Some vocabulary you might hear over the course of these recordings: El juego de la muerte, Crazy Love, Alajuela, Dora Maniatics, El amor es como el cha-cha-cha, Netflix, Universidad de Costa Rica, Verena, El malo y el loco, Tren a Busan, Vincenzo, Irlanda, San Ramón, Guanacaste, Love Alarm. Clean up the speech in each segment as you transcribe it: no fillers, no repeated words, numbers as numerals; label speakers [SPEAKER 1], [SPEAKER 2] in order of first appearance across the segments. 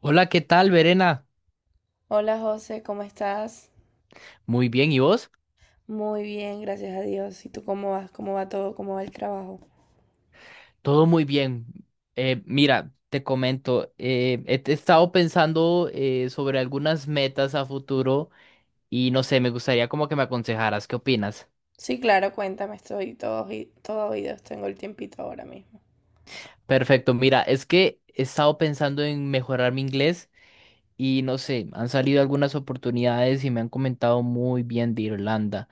[SPEAKER 1] Hola, ¿qué tal, Verena?
[SPEAKER 2] Hola José, ¿cómo estás?
[SPEAKER 1] Muy bien, ¿y vos?
[SPEAKER 2] Muy bien, gracias a Dios. ¿Y tú cómo vas? ¿Cómo va todo? ¿Cómo va el trabajo?
[SPEAKER 1] Todo muy bien. Mira, te comento, he estado pensando sobre algunas metas a futuro y no sé, me gustaría como que me aconsejaras. ¿Qué opinas?
[SPEAKER 2] Sí, claro, cuéntame, estoy todo oídos, tengo el tiempito ahora mismo.
[SPEAKER 1] Perfecto, mira, es que he estado pensando en mejorar mi inglés y no sé, han salido algunas oportunidades y me han comentado muy bien de Irlanda.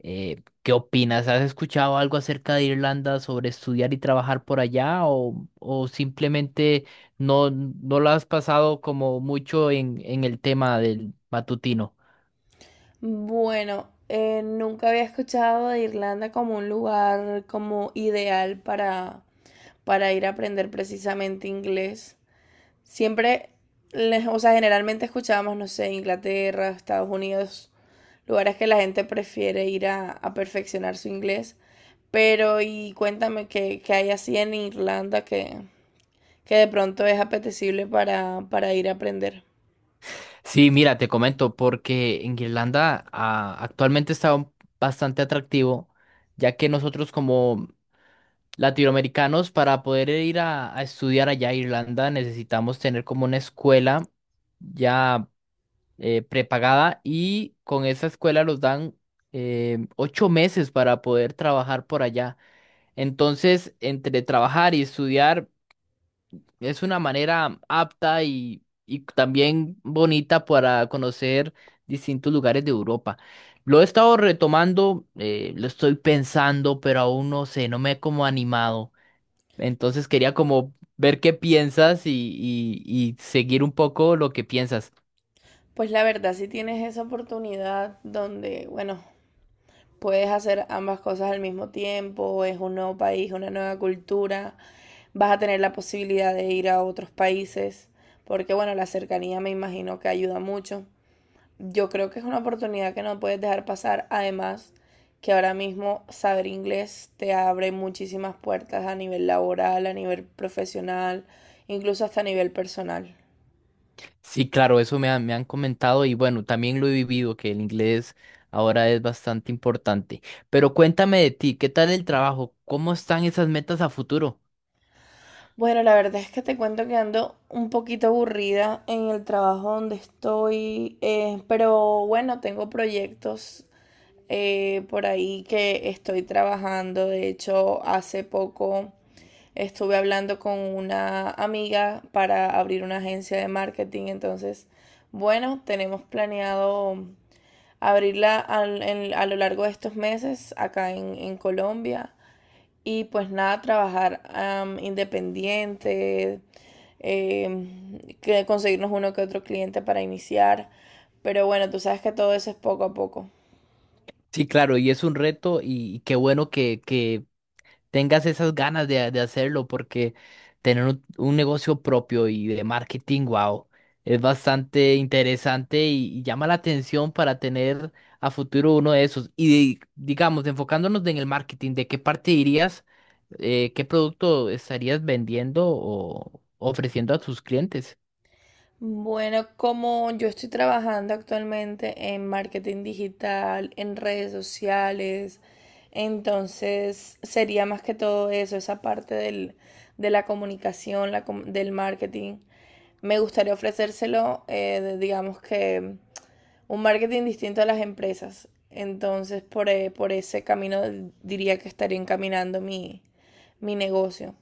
[SPEAKER 1] ¿Qué opinas? ¿Has escuchado algo acerca de Irlanda sobre estudiar y trabajar por allá o simplemente no lo has pasado como mucho en el tema del matutino?
[SPEAKER 2] Bueno, nunca había escuchado de Irlanda como un lugar como ideal para ir a aprender precisamente inglés. Siempre, o sea, generalmente escuchábamos, no sé, Inglaterra, Estados Unidos, lugares que la gente prefiere ir a perfeccionar su inglés. Pero, y cuéntame qué hay así en Irlanda que de pronto es apetecible para ir a aprender.
[SPEAKER 1] Sí, mira, te comento, porque en Irlanda actualmente está bastante atractivo, ya que nosotros como latinoamericanos para poder ir a estudiar allá a Irlanda necesitamos tener como una escuela. Ya prepagada, y con esa escuela los dan ocho meses para poder trabajar por allá. Entonces, entre trabajar y estudiar es una manera apta y también bonita para conocer distintos lugares de Europa. Lo he estado retomando, lo estoy pensando, pero aún no sé, no me he como animado. Entonces quería como ver qué piensas, y seguir un poco lo que piensas.
[SPEAKER 2] Pues la verdad, si tienes esa oportunidad donde, bueno, puedes hacer ambas cosas al mismo tiempo, es un nuevo país, una nueva cultura, vas a tener la posibilidad de ir a otros países, porque bueno, la cercanía me imagino que ayuda mucho. Yo creo que es una oportunidad que no puedes dejar pasar, además que ahora mismo saber inglés te abre muchísimas puertas a nivel laboral, a nivel profesional, incluso hasta a nivel personal.
[SPEAKER 1] Sí, claro, eso me han comentado y bueno, también lo he vivido, que el inglés ahora es bastante importante. Pero cuéntame de ti, ¿qué tal el trabajo? ¿Cómo están esas metas a futuro?
[SPEAKER 2] Bueno, la verdad es que te cuento que ando un poquito aburrida en el trabajo donde estoy, pero bueno, tengo proyectos por ahí que estoy trabajando. De hecho, hace poco estuve hablando con una amiga para abrir una agencia de marketing. Entonces, bueno, tenemos planeado a lo largo de estos meses acá en Colombia. Y pues nada, trabajar independiente, que conseguirnos uno que otro cliente para iniciar. Pero bueno, tú sabes que todo eso es poco a poco.
[SPEAKER 1] Sí, claro, y es un reto y qué bueno que tengas esas ganas de hacerlo, porque tener un negocio propio y de marketing, wow, es bastante interesante y llama la atención para tener a futuro uno de esos. Y digamos, enfocándonos en el marketing, ¿de qué parte irías? ¿Qué producto estarías vendiendo o ofreciendo a tus clientes?
[SPEAKER 2] Bueno, como yo estoy trabajando actualmente en marketing digital, en redes sociales, entonces sería más que todo eso, esa de la comunicación, la del marketing. Me gustaría ofrecérselo, digamos que un marketing distinto a las empresas. Entonces, por ese camino diría que estaría encaminando mi, mi negocio.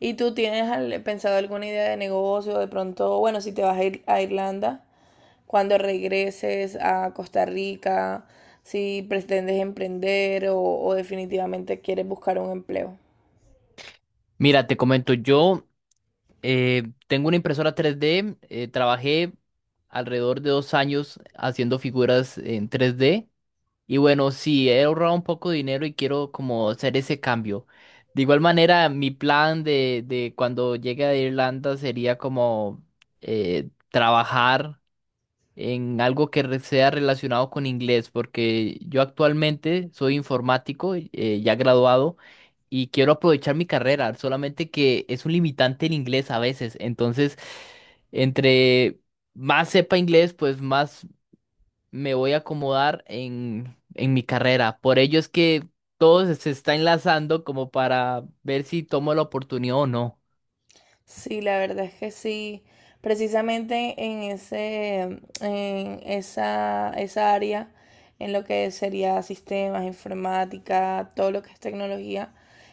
[SPEAKER 2] ¿Y tú tienes pensado alguna idea de negocio? De pronto, bueno, si te vas a ir a Irlanda, cuando regreses a Costa Rica, si pretendes emprender o definitivamente quieres buscar un empleo.
[SPEAKER 1] Mira, te comento, yo tengo una impresora 3D, trabajé alrededor de dos años haciendo figuras en 3D. Y bueno, sí, he ahorrado un poco de dinero y quiero como hacer ese cambio. De igual manera, mi plan de cuando llegue a Irlanda sería como trabajar en algo que sea relacionado con inglés, porque yo actualmente soy informático, ya graduado, y quiero aprovechar mi carrera, solamente que es un limitante el inglés a veces. Entonces, entre más sepa inglés, pues más me voy a acomodar en mi carrera. Por ello es que todo se está enlazando como para ver si tomo la oportunidad o no.
[SPEAKER 2] Sí, la verdad es que sí. Precisamente en ese, en esa, esa área, en lo que sería sistemas, informática, todo lo que es tecnología,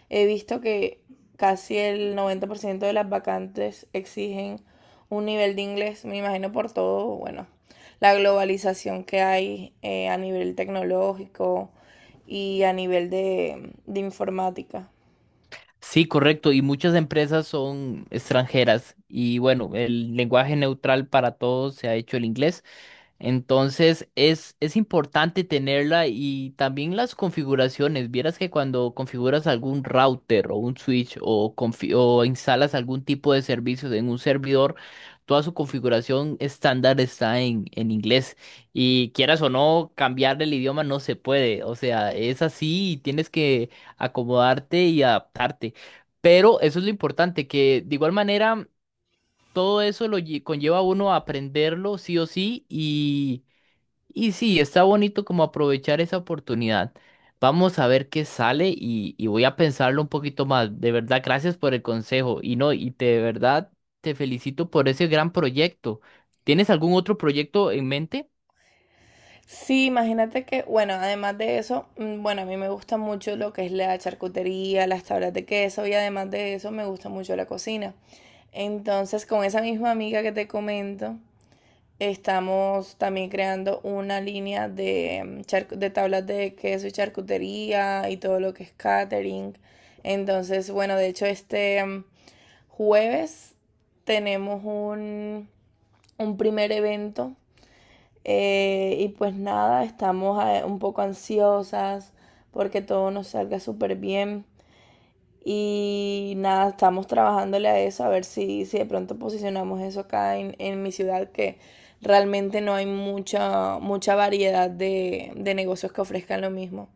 [SPEAKER 2] he visto que casi el 90% de las vacantes exigen un nivel de inglés, me imagino por todo, bueno, la globalización que hay a nivel tecnológico y a nivel de informática.
[SPEAKER 1] Sí, correcto. Y muchas empresas son extranjeras. Y bueno, el lenguaje neutral para todos se ha hecho el inglés. Entonces es importante tenerla y también las configuraciones. Vieras que cuando configuras algún router o un switch o o instalas algún tipo de servicios en un servidor, toda su configuración estándar está en inglés. Y quieras o no, cambiar el idioma no se puede. O sea, es así y tienes que acomodarte y adaptarte. Pero eso es lo importante, que de igual manera todo eso lo conlleva a uno a aprenderlo sí o sí y sí, está bonito como aprovechar esa oportunidad. Vamos a ver qué sale, y voy a pensarlo un poquito más. De verdad, gracias por el consejo. Y no, y te, de verdad te felicito por ese gran proyecto. ¿Tienes algún otro proyecto en mente?
[SPEAKER 2] Sí, imagínate que, bueno, además de eso, bueno, a mí me gusta mucho lo que es la charcutería, las tablas de queso y además de eso me gusta mucho la cocina. Entonces, con esa misma amiga que te comento, estamos también creando una línea de, de tablas de queso y charcutería y todo lo que es catering. Entonces, bueno, de hecho, jueves tenemos un primer evento y pues nada, estamos un poco ansiosas porque todo nos salga súper bien. Y nada, estamos trabajándole a eso, a ver si de pronto posicionamos eso acá en mi ciudad, que realmente no hay mucha variedad de negocios que ofrezcan lo mismo.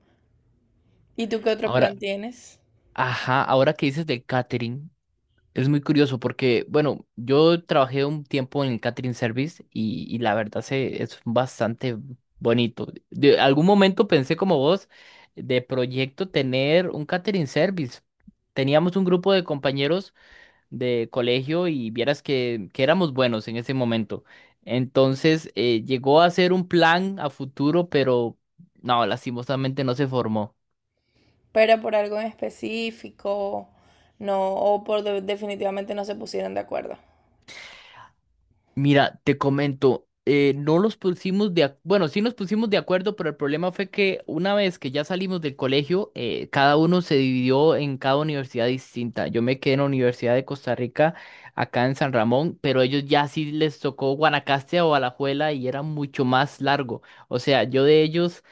[SPEAKER 2] ¿Y tú qué otro
[SPEAKER 1] Ahora,
[SPEAKER 2] plan tienes?
[SPEAKER 1] ajá, ahora que dices del catering. Es muy curioso porque, bueno, yo trabajé un tiempo en el catering service y la verdad es bastante bonito. De algún momento pensé como vos de proyecto tener un catering service. Teníamos un grupo de compañeros de colegio y vieras que éramos buenos en ese momento. Entonces, llegó a ser un plan a futuro, pero no, lastimosamente no se formó.
[SPEAKER 2] Pero por algo en específico, no, o por definitivamente no se pusieron de acuerdo.
[SPEAKER 1] Mira, te comento, no los pusimos de, bueno, sí nos pusimos de acuerdo, pero el problema fue que una vez que ya salimos del colegio, cada uno se dividió en cada universidad distinta. Yo me quedé en la Universidad de Costa Rica, acá en San Ramón, pero ellos ya sí les tocó Guanacaste o Alajuela y era mucho más largo. O sea, yo de ellos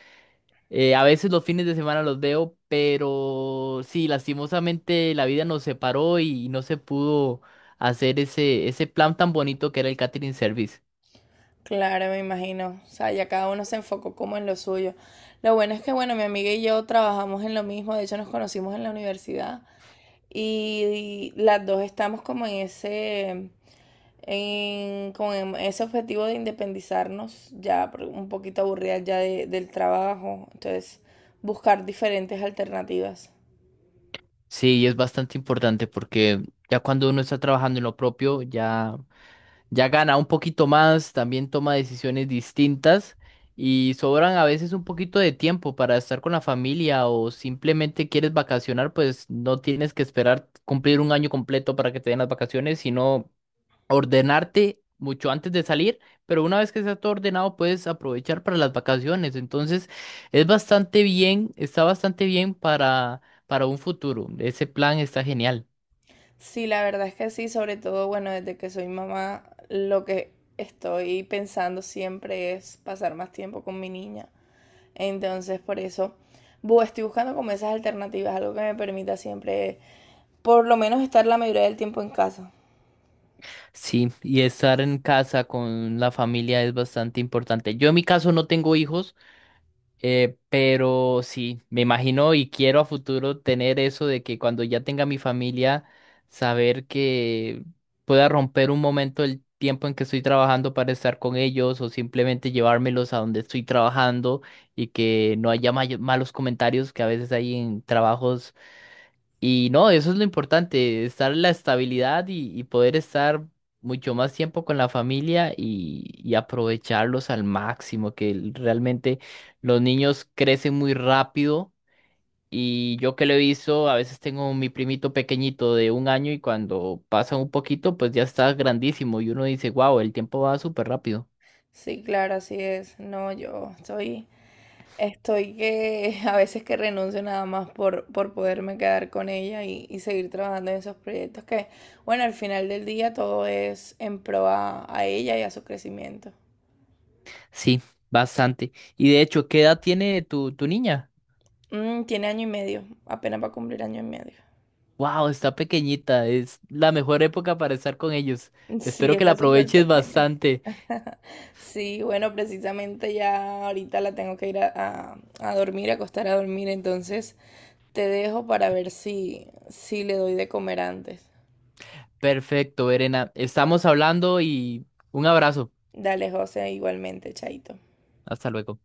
[SPEAKER 1] a veces los fines de semana los veo, pero sí, lastimosamente la vida nos separó y no se pudo hacer ese plan tan bonito que era el catering service.
[SPEAKER 2] Claro, me imagino. O sea, ya cada uno se enfocó como en lo suyo. Lo bueno es que, bueno, mi amiga y yo trabajamos en lo mismo, de hecho nos conocimos en la universidad y, las dos estamos como en ese, en, como en ese objetivo de independizarnos, ya un poquito aburridas ya del trabajo, entonces buscar diferentes alternativas.
[SPEAKER 1] Sí, es bastante importante porque ya cuando uno está trabajando en lo propio, ya, ya gana un poquito más, también toma decisiones distintas y sobran a veces un poquito de tiempo para estar con la familia o simplemente quieres vacacionar, pues no tienes que esperar cumplir un año completo para que te den las vacaciones, sino ordenarte mucho antes de salir, pero una vez que está todo ordenado puedes aprovechar para las vacaciones. Entonces, es bastante bien, está bastante bien para un futuro. Ese plan está genial.
[SPEAKER 2] Sí, la verdad es que sí, sobre todo, bueno, desde que soy mamá, lo que estoy pensando siempre es pasar más tiempo con mi niña. Entonces, por eso, estoy buscando como esas alternativas, algo que me permita siempre, por lo menos, estar la mayoría del tiempo en casa.
[SPEAKER 1] Sí, y estar en casa con la familia es bastante importante. Yo en mi caso no tengo hijos. Pero sí, me imagino y quiero a futuro tener eso de que cuando ya tenga mi familia, saber que pueda romper un momento el tiempo en que estoy trabajando para estar con ellos o simplemente llevármelos a donde estoy trabajando y que no haya malos comentarios que a veces hay en trabajos y no, eso es lo importante, estar en la estabilidad y poder estar mucho más tiempo con la familia y aprovecharlos al máximo, que realmente los niños crecen muy rápido y yo que lo he visto, a veces tengo mi primito pequeñito de un año y cuando pasa un poquito, pues ya está grandísimo y uno dice, wow, el tiempo va súper rápido.
[SPEAKER 2] Sí, claro, así es. No, estoy que a veces que renuncio nada más por poderme quedar con ella y seguir trabajando en esos proyectos que, bueno, al final del día todo es en pro a ella y a su crecimiento.
[SPEAKER 1] Sí, bastante. Y de hecho, ¿qué edad tiene tu niña?
[SPEAKER 2] Mm, tiene año y medio, apenas va a cumplir año y medio.
[SPEAKER 1] Wow, está pequeñita. Es la mejor época para estar con ellos.
[SPEAKER 2] Sí,
[SPEAKER 1] Espero que la
[SPEAKER 2] está súper
[SPEAKER 1] aproveches
[SPEAKER 2] pequeña.
[SPEAKER 1] bastante.
[SPEAKER 2] Sí, bueno, precisamente ya ahorita la tengo que ir a dormir, a acostar a dormir, entonces te dejo para ver si le doy de comer antes.
[SPEAKER 1] Perfecto, Verena. Estamos hablando y un abrazo.
[SPEAKER 2] Dale, José, igualmente, chaito.
[SPEAKER 1] Hasta luego.